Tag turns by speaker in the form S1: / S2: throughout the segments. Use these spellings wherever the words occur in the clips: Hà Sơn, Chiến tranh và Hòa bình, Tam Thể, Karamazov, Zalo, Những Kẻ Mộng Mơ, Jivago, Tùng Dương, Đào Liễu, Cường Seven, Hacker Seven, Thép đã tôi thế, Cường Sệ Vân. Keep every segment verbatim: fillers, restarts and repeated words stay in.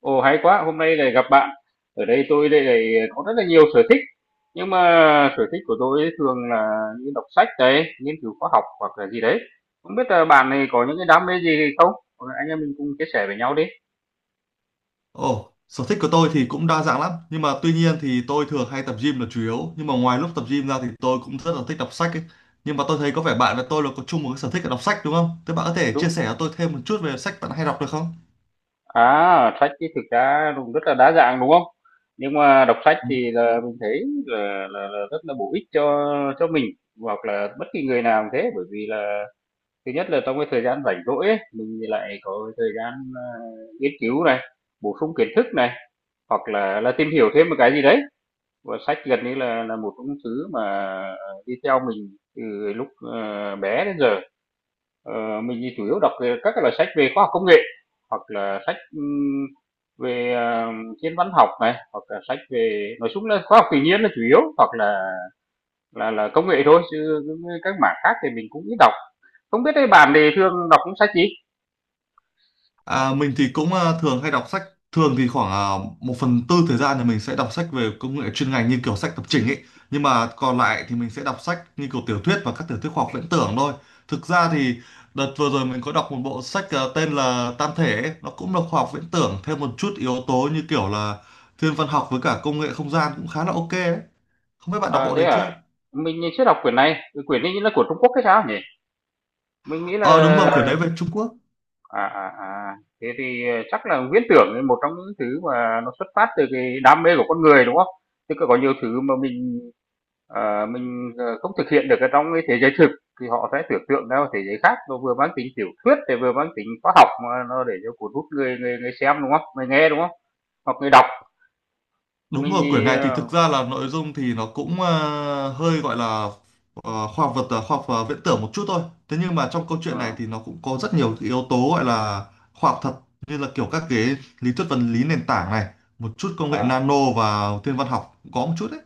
S1: Ồ, hay quá, hôm nay lại gặp bạn. Ở đây tôi đây lại có rất là nhiều sở thích. Nhưng mà sở thích của tôi ấy thường là như đọc sách đấy, nghiên cứu khoa học hoặc là gì đấy. Không biết là bạn này có những cái đam mê gì không? Hoặc là anh em mình cùng chia sẻ với nhau đi.
S2: Ồ, sở thích của tôi thì cũng đa dạng lắm. Nhưng mà tuy nhiên thì tôi thường hay tập gym là chủ yếu. Nhưng mà ngoài lúc tập gym ra thì tôi cũng rất là thích đọc sách ấy. Nhưng mà tôi thấy có vẻ bạn và tôi là có chung một cái sở thích là đọc sách đúng không? Thế bạn có thể chia
S1: Đúng.
S2: sẻ cho tôi thêm một chút về sách bạn hay đọc được không?
S1: À, sách thì thực ra cũng rất là đa dạng đúng không? Nhưng mà đọc sách thì là mình thấy là, là, là rất là bổ ích cho cho mình hoặc là bất kỳ người nào cũng thế, bởi vì là thứ nhất là trong cái thời gian rảnh rỗi ấy, mình thì lại có thời gian, ờ, nghiên cứu này, bổ sung kiến thức này, hoặc là là tìm hiểu thêm một cái gì đấy. Và sách gần như là là một trong thứ mà, ờ, đi theo mình từ lúc, ờ, bé đến giờ. Ờ, mình thì chủ yếu đọc các cái loại sách về khoa học công nghệ, hoặc là sách, ừm, về, ờ, thiên văn học này, hoặc là sách về nói chung là khoa học tự nhiên là chủ yếu, hoặc là là là công nghệ thôi, chứ các mảng khác thì mình cũng ít đọc. Không biết ấy bạn thì thường đọc những sách gì?
S2: À, mình thì cũng ờ, thường hay đọc sách, thường thì khoảng ờ, một phần tư thời gian thì mình sẽ đọc sách về công nghệ chuyên ngành như kiểu sách lập trình ấy, nhưng mà còn lại thì mình sẽ đọc sách như kiểu tiểu thuyết và các tiểu thuyết khoa học viễn tưởng thôi. Thực ra thì đợt vừa rồi mình có đọc một bộ sách ờ, tên là Tam Thể ấy. Nó cũng là khoa học viễn tưởng thêm một chút yếu tố như kiểu là thiên văn học với cả công nghệ không gian, cũng khá là ok đấy. Không biết bạn đọc
S1: À,
S2: bộ
S1: thế
S2: đấy chưa?
S1: à? Mình chưa đọc quyển này, cái quyển ấy là của Trung Quốc hay sao nhỉ? Mình nghĩ là
S2: ờ Đúng rồi, quyển đấy về Trung Quốc.
S1: à, à, à. Thế thì ờ, chắc là viễn tưởng là một trong những thứ mà nó xuất phát từ cái đam mê của con người đúng không? Chứ còn có nhiều thứ mà mình à, mình ờ, không thực hiện được ở trong cái thế giới thực, thì họ sẽ tưởng tượng ra một thế giới khác, nó vừa mang tính tiểu thuyết thì vừa mang tính khoa học mà nó để cho cuốn hút người người người xem đúng không? Người nghe đúng không? Hoặc người đọc.
S2: Đúng
S1: Mình
S2: rồi, quyển
S1: thì
S2: này thì
S1: à
S2: thực ra là nội dung thì nó cũng ờ, hơi gọi là ờ, khoa học vật ờ, khoa học ờ, viễn tưởng một chút thôi. Thế nhưng mà trong câu chuyện này thì nó cũng có rất nhiều cái yếu tố gọi là khoa học thật, như là kiểu các cái lý thuyết vật lý nền tảng này, một chút công
S1: ừ.
S2: nghệ nano, và thiên văn học cũng có một chút đấy.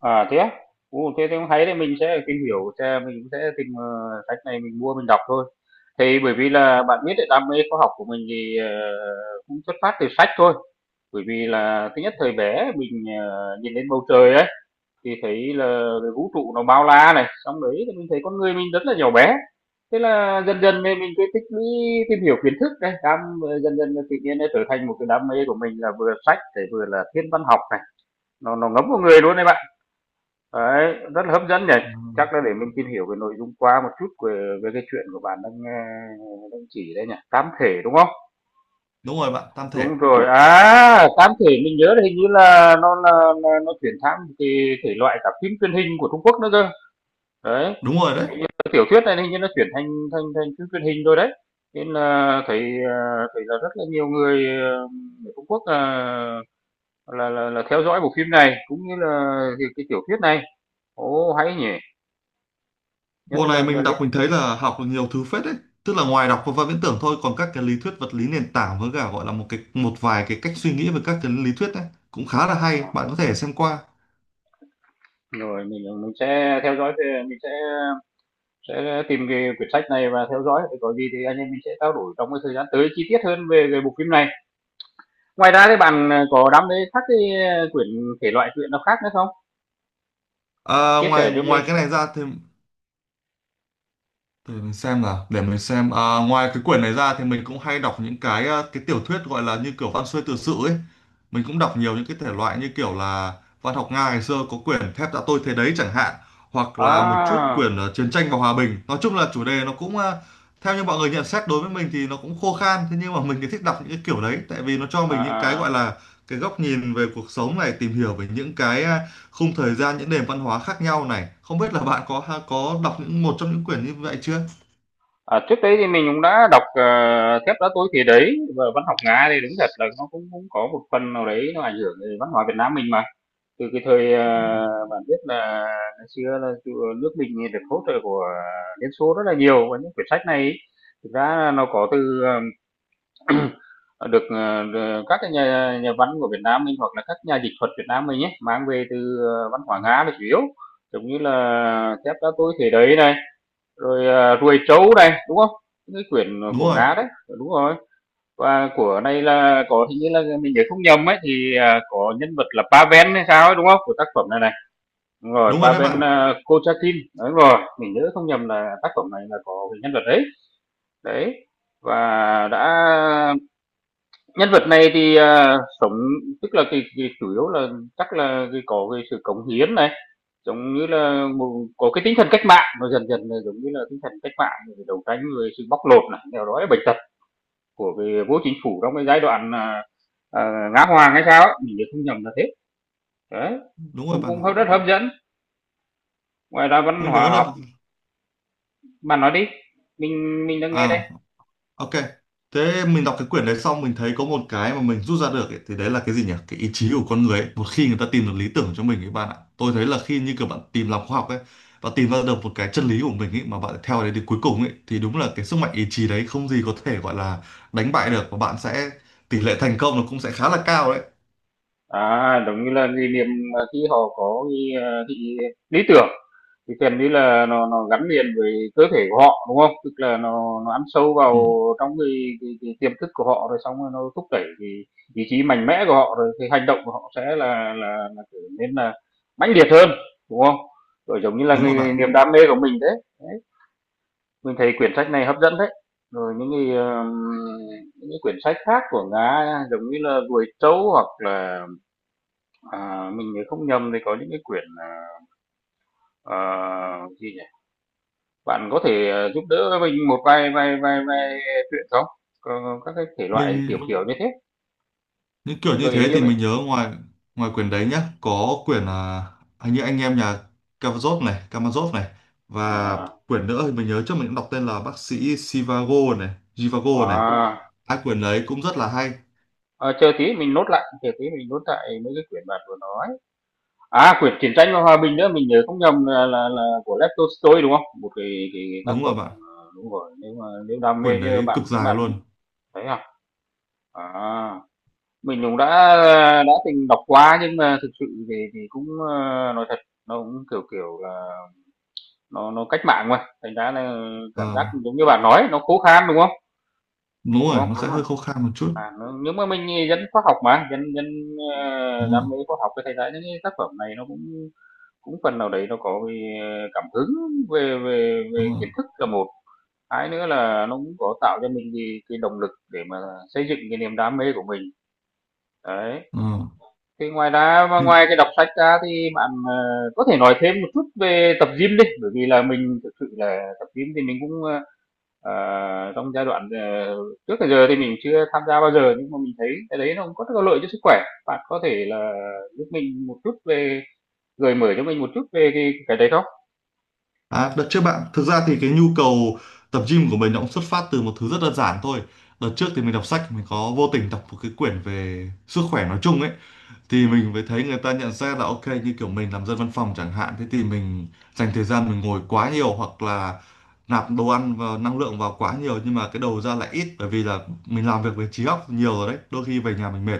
S1: À, thế á? Ồ, thế thì cũng hay đấy, mình sẽ tìm hiểu xem, mình cũng sẽ tìm, ờ, sách này mình mua mình đọc thôi. Thì bởi vì là bạn biết đấy, đam mê khoa học của mình thì, ờ, cũng xuất phát từ sách thôi. Bởi vì là thứ nhất thời bé mình, ờ, nhìn lên bầu trời ấy, thì thấy là vũ trụ nó bao la này, xong đấy thì mình thấy con người mình rất là nhỏ bé. Thế là dần dần thì mình cứ tích lũy tìm hiểu kiến thức này, đam dần dần là tự nhiên nó trở thành một cái đam mê của mình là vừa sách, để vừa là thiên văn học này, nó nó ngấm vào người luôn đấy bạn. Đấy, rất là hấp dẫn nhỉ.
S2: Ừ.
S1: Chắc là để mình tìm hiểu về nội dung qua một chút về, về cái chuyện của bạn đang ờ, đang chỉ đây nhỉ. Tám thể đúng không?
S2: Đúng rồi bạn, tam thể.
S1: Đúng rồi. À, tám thể mình nhớ là hình như là nó là, là nó chuyển sang một cái thể loại cả phim truyền hình của Trung Quốc nữa cơ. Đấy,
S2: Đúng rồi đấy.
S1: cái tiểu thuyết này hình như nó chuyển thành thành thành phim truyền hình rồi đấy. Nên là thấy ờ, thấy là rất là nhiều người ờ, ở Trung Quốc ờ, là, là là theo dõi bộ phim này cũng như là cái, cái tiểu thuyết này. Ồ hay nhỉ. Nhất
S2: Bộ này
S1: là, là
S2: mình đọc
S1: liên-
S2: mình thấy là học được nhiều thứ phết đấy. Tức là ngoài đọc và viễn tưởng thôi, còn các cái lý thuyết vật lý nền tảng với cả gọi là một cái một vài cái cách suy nghĩ về các cái lý thuyết đấy cũng khá là hay, bạn có thể xem qua.
S1: Rồi mình mình sẽ theo dõi về mình sẽ sẽ tìm cái quyển sách này và theo dõi, rồi có gì thì anh em mình sẽ trao đổi trong cái thời gian tới chi tiết hơn về về bộ phim này. Ngoài ra thì bạn, ờ, có đam mê các cái, ơ, quyển thể loại truyện nào khác nữa không?
S2: À,
S1: Chia sẻ
S2: ngoài
S1: cho
S2: ngoài cái
S1: mình.
S2: này ra thì để mình xem nào, để mình xem. À, ngoài cái quyển này ra thì mình cũng hay đọc những cái ờ, cái tiểu thuyết gọi là như kiểu văn xuôi tự sự ấy. Mình cũng đọc nhiều những cái thể loại như kiểu là văn học Nga ngày xưa, có quyển Thép đã tôi thế đấy chẳng hạn, hoặc là một chút
S1: À,
S2: quyển ờ, Chiến tranh và Hòa bình. Nói chung là chủ đề nó cũng ờ, theo như mọi người nhận xét, đối với mình thì nó cũng khô khan, thế nhưng mà mình thì thích đọc những cái kiểu đấy tại vì nó cho
S1: à,
S2: mình những cái
S1: à,
S2: gọi là cái góc nhìn về cuộc sống này, tìm hiểu về những cái ờ, khung thời gian, những nền văn hóa khác nhau này. Không biết là bạn có ha- có đọc những một trong những quyển như vậy chưa?
S1: à, trước đấy thì mình cũng đã đọc, ờ, Thép Đá Tối thì Đấy, và văn học Nga thì đúng thật là nó cũng cũng có một phần nào đấy nó ảnh hưởng về văn hóa Việt Nam mình mà. Từ cái thời, à, bạn biết là ngày xưa là nước mình được hỗ trợ của Liên Xô rất là nhiều, và những quyển sách này ấy, thực ra nó có từ được, ờ, ờ, các cái nhà nhà văn của Việt Nam mình hoặc là các nhà dịch thuật Việt Nam mình nhé, mang về từ, ờ, văn hóa Nga là chủ yếu, giống như là Thép Đá Tôi Thể Đấy này, rồi, à, Ruồi Trấu này, đúng không? Những cái quyển
S2: Đúng
S1: của
S2: rồi.
S1: Nga đấy, đúng rồi. Và của này là có hình như là mình nhớ không nhầm ấy thì, à, có nhân vật là Pavel hay sao ấy, đúng không? Của tác phẩm này này. Đúng rồi,
S2: Đúng rồi đấy
S1: Pavel,
S2: bạn.
S1: à, Kochakin, đúng rồi, mình nhớ không nhầm là tác phẩm này là có cái nhân vật đấy, đấy, và đã nhân vật này thì à, sống, tức là cái, cái chủ yếu là chắc là cái có cái sự cống hiến này, giống như là một, có cái tinh thần cách mạng, nó dần dần là giống như là tinh thần cách mạng để đấu tranh với sự bóc lột này, nghèo đói bệnh tật của cái vô chính phủ trong cái giai đoạn à, à, Ngã Hoàng hay sao, ấy, mình nhớ không nhầm là thế, đấy,
S2: Đúng rồi
S1: cũng
S2: bạn ạ.
S1: cũng rất hấp dẫn, ngoài ra văn
S2: Mình
S1: hóa
S2: nhớ
S1: học
S2: là
S1: Bạn nói đi, mình mình đang nghe đây.
S2: à, ok, thế mình đọc cái quyển đấy xong mình thấy có một cái mà mình rút ra được ấy, thì đấy là cái gì nhỉ? Cái ý chí của con người ấy. Một khi người ta tìm được lý tưởng cho mình ấy bạn ạ, tôi thấy là khi như kiểu bạn tìm lòng khoa học ấy và tìm ra được một cái chân lý của mình ấy mà bạn theo đấy đến cuối cùng ấy, thì đúng là cái sức mạnh ý chí đấy không gì có thể gọi là đánh bại được, và bạn sẽ tỷ lệ thành công nó cũng sẽ khá là cao đấy.
S1: À, giống như là gì niệm mà khi họ có cái, ờ, cái lý tưởng thì gần như là nó nó gắn liền với cơ thể của họ đúng không? Tức là nó nó ăn sâu vào
S2: Ừ,
S1: trong cái cái, cái tiềm thức của họ rồi xong rồi nó thúc đẩy cái ý chí mạnh mẽ của họ rồi cái hành động của họ sẽ là là, là trở nên là mãnh liệt hơn đúng không? Rồi giống như là
S2: đúng rồi
S1: cái
S2: bạn.
S1: niềm đam mê của mình đấy. Mình thấy quyển sách này hấp dẫn đấy. Rồi những cái, ờm, những cái quyển sách khác của Nga giống như là Ruồi trấu hoặc là, à, mình nhớ không nhầm thì có những cái quyển, ờ, ờ, gì nhỉ? Bạn có thể, ờ, giúp đỡ mình một vài vài vài vài truyện không? Có các cái thể loại
S2: Mình
S1: kiểu, kiểu như thế,
S2: những kiểu như
S1: gợi ý
S2: thế
S1: cho
S2: thì
S1: mình.
S2: mình nhớ ngoài ngoài quyển đấy nhá, có quyển à, hình như Anh em nhà Karamazov này, Karamazov này, và
S1: À,
S2: quyển nữa thì mình nhớ trước mình cũng đọc tên là Bác sĩ Sivago này, Jivago này.
S1: wow!
S2: Hai quyển đấy cũng rất là hay.
S1: Ờ, chờ tí mình nốt lại, chờ tí mình nốt lại mấy cái quyển bạn vừa nói. À, quyển Chiến tranh và Hòa bình nữa, mình nhớ không nhầm là là là của Lev Tolstoy, đúng không? Một cái cái cái tác
S2: Đúng rồi
S1: phẩm,
S2: bạn,
S1: ờ, đúng rồi, nếu mà nếu đam mê
S2: quyển
S1: như
S2: đấy
S1: bạn
S2: cực dài
S1: bạn
S2: luôn.
S1: thấy à? À, mình cũng đã đã từng đọc qua nhưng mà thực sự thì thì cũng, ờ, nói thật, nó cũng, kiểu kiểu là, nó nó cách mạng mà, thành ra là cảm giác
S2: Ờ,
S1: giống như bạn nói, nó khô khan, đúng không?
S2: đúng
S1: Đúng
S2: rồi,
S1: không?
S2: nó
S1: Đúng
S2: sẽ
S1: rồi.
S2: hơi khô khan một chút.
S1: À, n nếu mà mình dân khoa học mà, dân dân, ờ,
S2: Đúng
S1: đam
S2: rồi.
S1: mê khoa học thì thành ra những cái tác phẩm này nó cũng cũng phần nào đấy nó có cảm hứng về về
S2: Đúng
S1: về
S2: rồi.
S1: kiến thức là một, hai nữa là nó cũng có tạo cho mình cái cái động lực để mà xây dựng cái niềm đam mê của mình. Đấy,
S2: Ờ.
S1: thì ngoài ra mà ngoài cái đọc sách ra thì bạn, ờ, có thể nói thêm một chút về tập gym đi, bởi vì là mình thực sự là tập gym thì mình cũng, ơ, ờ, trong giai đoạn, ờ, trước tới giờ thì mình chưa tham gia bao giờ, nhưng mà mình thấy cái đấy nó cũng có rất là lợi cho sức khỏe. Bạn có thể là giúp mình một chút về gợi mở cho mình một chút về cái cái đấy không?
S2: À, đợt trước bạn, thực ra thì cái nhu cầu tập gym của mình nó cũng xuất phát từ một thứ rất đơn giản thôi. Đợt trước thì mình đọc sách, mình có vô tình đọc một cái quyển về sức khỏe nói chung ấy, thì
S1: Ừm.
S2: mình mới thấy người ta nhận xét là ok, như kiểu mình làm dân văn phòng chẳng hạn, thế thì mình dành thời gian mình ngồi quá nhiều, hoặc là nạp đồ ăn và năng lượng vào quá nhiều nhưng mà cái đầu ra lại ít, bởi vì là mình làm việc với trí óc nhiều rồi đấy, đôi khi về nhà mình mệt,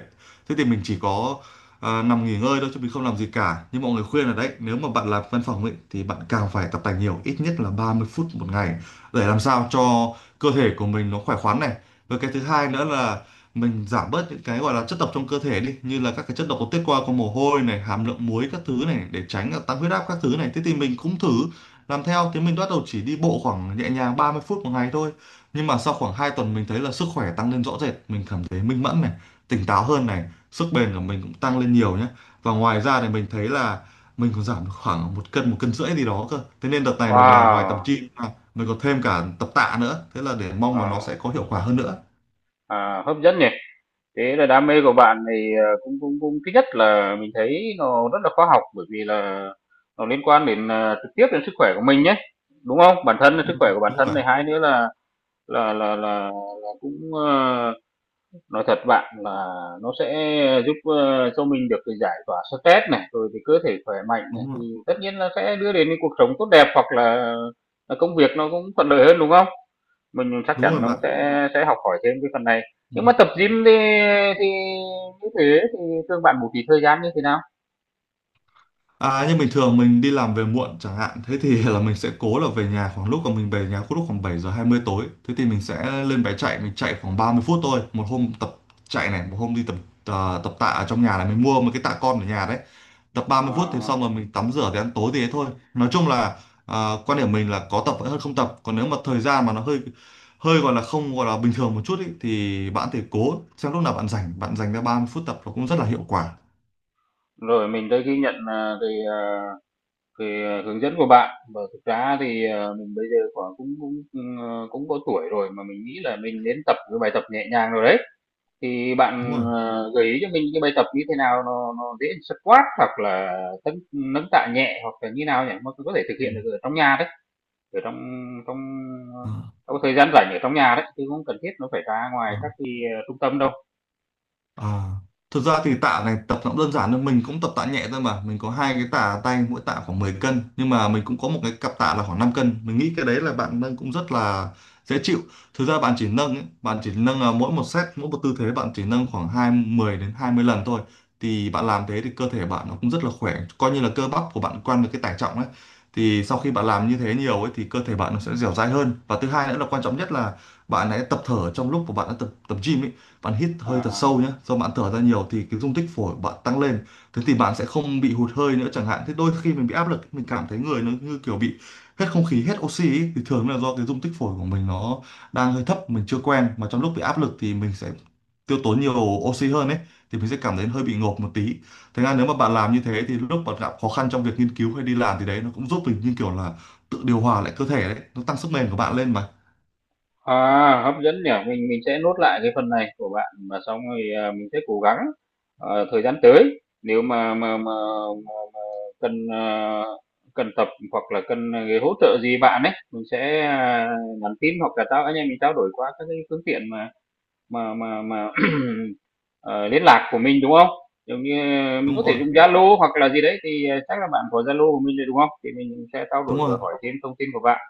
S2: thế thì mình chỉ có à, nằm nghỉ ngơi thôi chứ mình không làm gì cả. Nhưng mọi người khuyên là đấy, nếu mà bạn làm văn phòng ấy, thì bạn càng phải tập tành nhiều, ít nhất là ba mươi phút một ngày, để làm sao cho cơ thể của mình nó khỏe khoắn này, và cái thứ hai nữa là mình giảm bớt những cái gọi là chất độc trong cơ thể đi, như là các cái chất độc có tiết qua qua mồ hôi này, hàm lượng muối các thứ này, để tránh là tăng huyết áp các thứ này. Thế thì mình cũng thử làm theo, thế mình bắt đầu chỉ đi bộ khoảng nhẹ nhàng ba mươi phút một ngày thôi, nhưng mà sau khoảng hai tuần mình thấy là sức khỏe tăng lên rõ rệt, mình cảm thấy minh mẫn này, tỉnh táo hơn này, sức bền của mình cũng tăng lên nhiều nhé. Và ngoài ra thì mình thấy là mình còn giảm được khoảng một cân, một cân rưỡi gì đó cơ. Thế nên đợt này mình là ngoài tập
S1: Wow,
S2: gym ra, mình còn thêm cả tập tạ nữa, thế là để mong
S1: ờ,
S2: mà nó sẽ có hiệu quả hơn nữa.
S1: à, hấp dẫn nhỉ. Thế là đam mê của bạn thì ờ, cũng cũng cũng thứ nhất là mình thấy nó rất là khoa học bởi vì là nó liên quan đến ờ, trực tiếp đến sức khỏe của mình nhé, đúng không? Bản thân là
S2: Ừ,
S1: sức khỏe của bản
S2: đúng
S1: thân
S2: rồi.
S1: này, hai nữa là là là là, là cũng ờ, nói thật bạn là nó sẽ giúp ờ, cho mình được cái giải tỏa stress này, rồi thì cơ thể khỏe mạnh này
S2: Đúng
S1: thì
S2: rồi.
S1: tất nhiên là sẽ đưa đến cái cuộc sống tốt đẹp hoặc là, là công việc nó cũng thuận lợi hơn đúng không? Mình chắc
S2: Đúng rồi
S1: chắn nó
S2: bạn.
S1: sẽ sẽ học hỏi thêm cái phần này.
S2: Ừ.
S1: Nhưng mà tập gym thì thì như thế thì thường bạn bố trí thời gian như thế nào?
S2: À, nhưng bình thường mình đi làm về muộn chẳng hạn, thế thì là mình sẽ cố là về nhà khoảng lúc mà mình về nhà lúc khoảng bảy giờ hai mươi tối, thế thì mình sẽ lên bé chạy, mình chạy khoảng ba mươi phút thôi, một hôm tập chạy này, một hôm đi tập ờ, tập tạ ở trong nhà này, mình mua một cái tạ con ở nhà đấy, tập ba
S1: Ờ,
S2: mươi phút thì xong, rồi mình tắm rửa thì ăn tối thì thế thôi. Nói chung là ờ, quan điểm mình là có tập vẫn hơn không tập, còn nếu mà thời gian mà nó hơi hơi gọi là không gọi là bình thường một chút ý, thì bạn thì cố xem lúc nào bạn rảnh, bạn dành ra ba mươi phút tập, nó cũng rất là hiệu quả.
S1: rồi mình đây ghi nhận, à, cái, à, cái, à, hướng dẫn của bạn, và thực ra thì, ờ, mình bây giờ khoảng cũng cũng, ừm, ờ, cũng có tuổi rồi mà mình nghĩ là mình nên tập cái bài tập nhẹ nhàng rồi đấy. Thì
S2: Đúng
S1: bạn,
S2: rồi.
S1: ờ, gợi ý cho mình cái bài tập như thế nào nó nó dễ squat hoặc là tấn nâng tạ nhẹ hoặc là như nào nhỉ? Mà có thể thực
S2: Ừ.
S1: hiện được ở trong nhà đấy. Ở trong trong
S2: À,
S1: trong thời gian rảnh ở trong nhà đấy chứ không cần thiết nó phải ra ngoài các
S2: à,
S1: cái ờ, trung tâm đâu.
S2: à. Thực ra thì tạ này tập nó cũng đơn giản thôi, mình cũng tập tạ nhẹ thôi mà. Mình có hai cái tạ tay, mỗi tạ khoảng mười cân, nhưng mà mình cũng có một cái cặp tạ là khoảng năm cân, mình nghĩ cái đấy là bạn nâng cũng rất là dễ chịu. Thực ra bạn chỉ nâng ấy, bạn chỉ nâng à, mỗi một set, mỗi một tư thế bạn chỉ nâng khoảng hai mười đến hai mươi lần thôi, thì bạn làm thế thì cơ thể bạn nó cũng rất là khỏe, coi như là cơ bắp của bạn quen với cái tải trọng ấy. Thì sau khi bạn làm như thế nhiều ấy thì cơ thể bạn nó sẽ dẻo dai hơn. Và thứ hai nữa là quan trọng nhất là bạn hãy tập thở trong lúc mà bạn đã tập tập gym ấy. Bạn hít
S1: À,
S2: hơi thật sâu nhé,
S1: à.
S2: do bạn thở ra nhiều thì cái dung tích phổi bạn tăng lên, thế thì bạn sẽ không bị hụt hơi nữa, chẳng hạn thế. Đôi khi mình bị áp lực, mình cảm thấy người nó như kiểu bị hết không khí, hết oxy ý, thì thường là do cái dung tích phổi của mình nó đang hơi thấp, mình chưa quen, mà trong lúc bị áp lực thì mình sẽ tiêu tốn nhiều oxy hơn ấy, thì mình sẽ cảm thấy hơi bị ngộp một tí. Thế nên nếu mà bạn làm như thế thì lúc bạn gặp khó khăn trong việc nghiên cứu hay đi làm, thì đấy nó cũng giúp mình như kiểu là tự điều hòa lại cơ thể đấy, nó tăng sức bền của bạn lên mà.
S1: À, hấp dẫn nhỉ, mình mình sẽ nốt lại cái phần này của bạn và xong rồi à, mình sẽ cố gắng ờ, thời gian tới nếu mà mà mà, mà, mà cần ờ, cần tập hoặc là cần cái hỗ trợ gì bạn ấy mình sẽ à, nhắn tin hoặc là tao anh em mình trao đổi qua các cái phương tiện mà mà mà mà ờ, liên lạc của mình đúng không? Giống như ờ, mình có
S2: Đúng
S1: thể
S2: rồi.
S1: dùng Zalo hoặc là gì đấy thì ờ, chắc là bạn có Zalo của mình rồi đúng không? Thì mình sẽ trao
S2: Đúng
S1: đổi và
S2: rồi.
S1: hỏi thêm thông tin của bạn.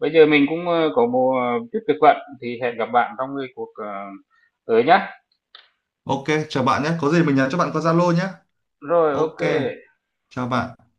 S1: Bây giờ mình cũng ờ, có một chút việc bận thì hẹn gặp bạn trong cái cuộc ờ, tới nhá.
S2: Ok, chào bạn nhé, có gì mình nhắn cho bạn qua Zalo nhé.
S1: Rồi
S2: Ok,
S1: ok.
S2: chào bạn.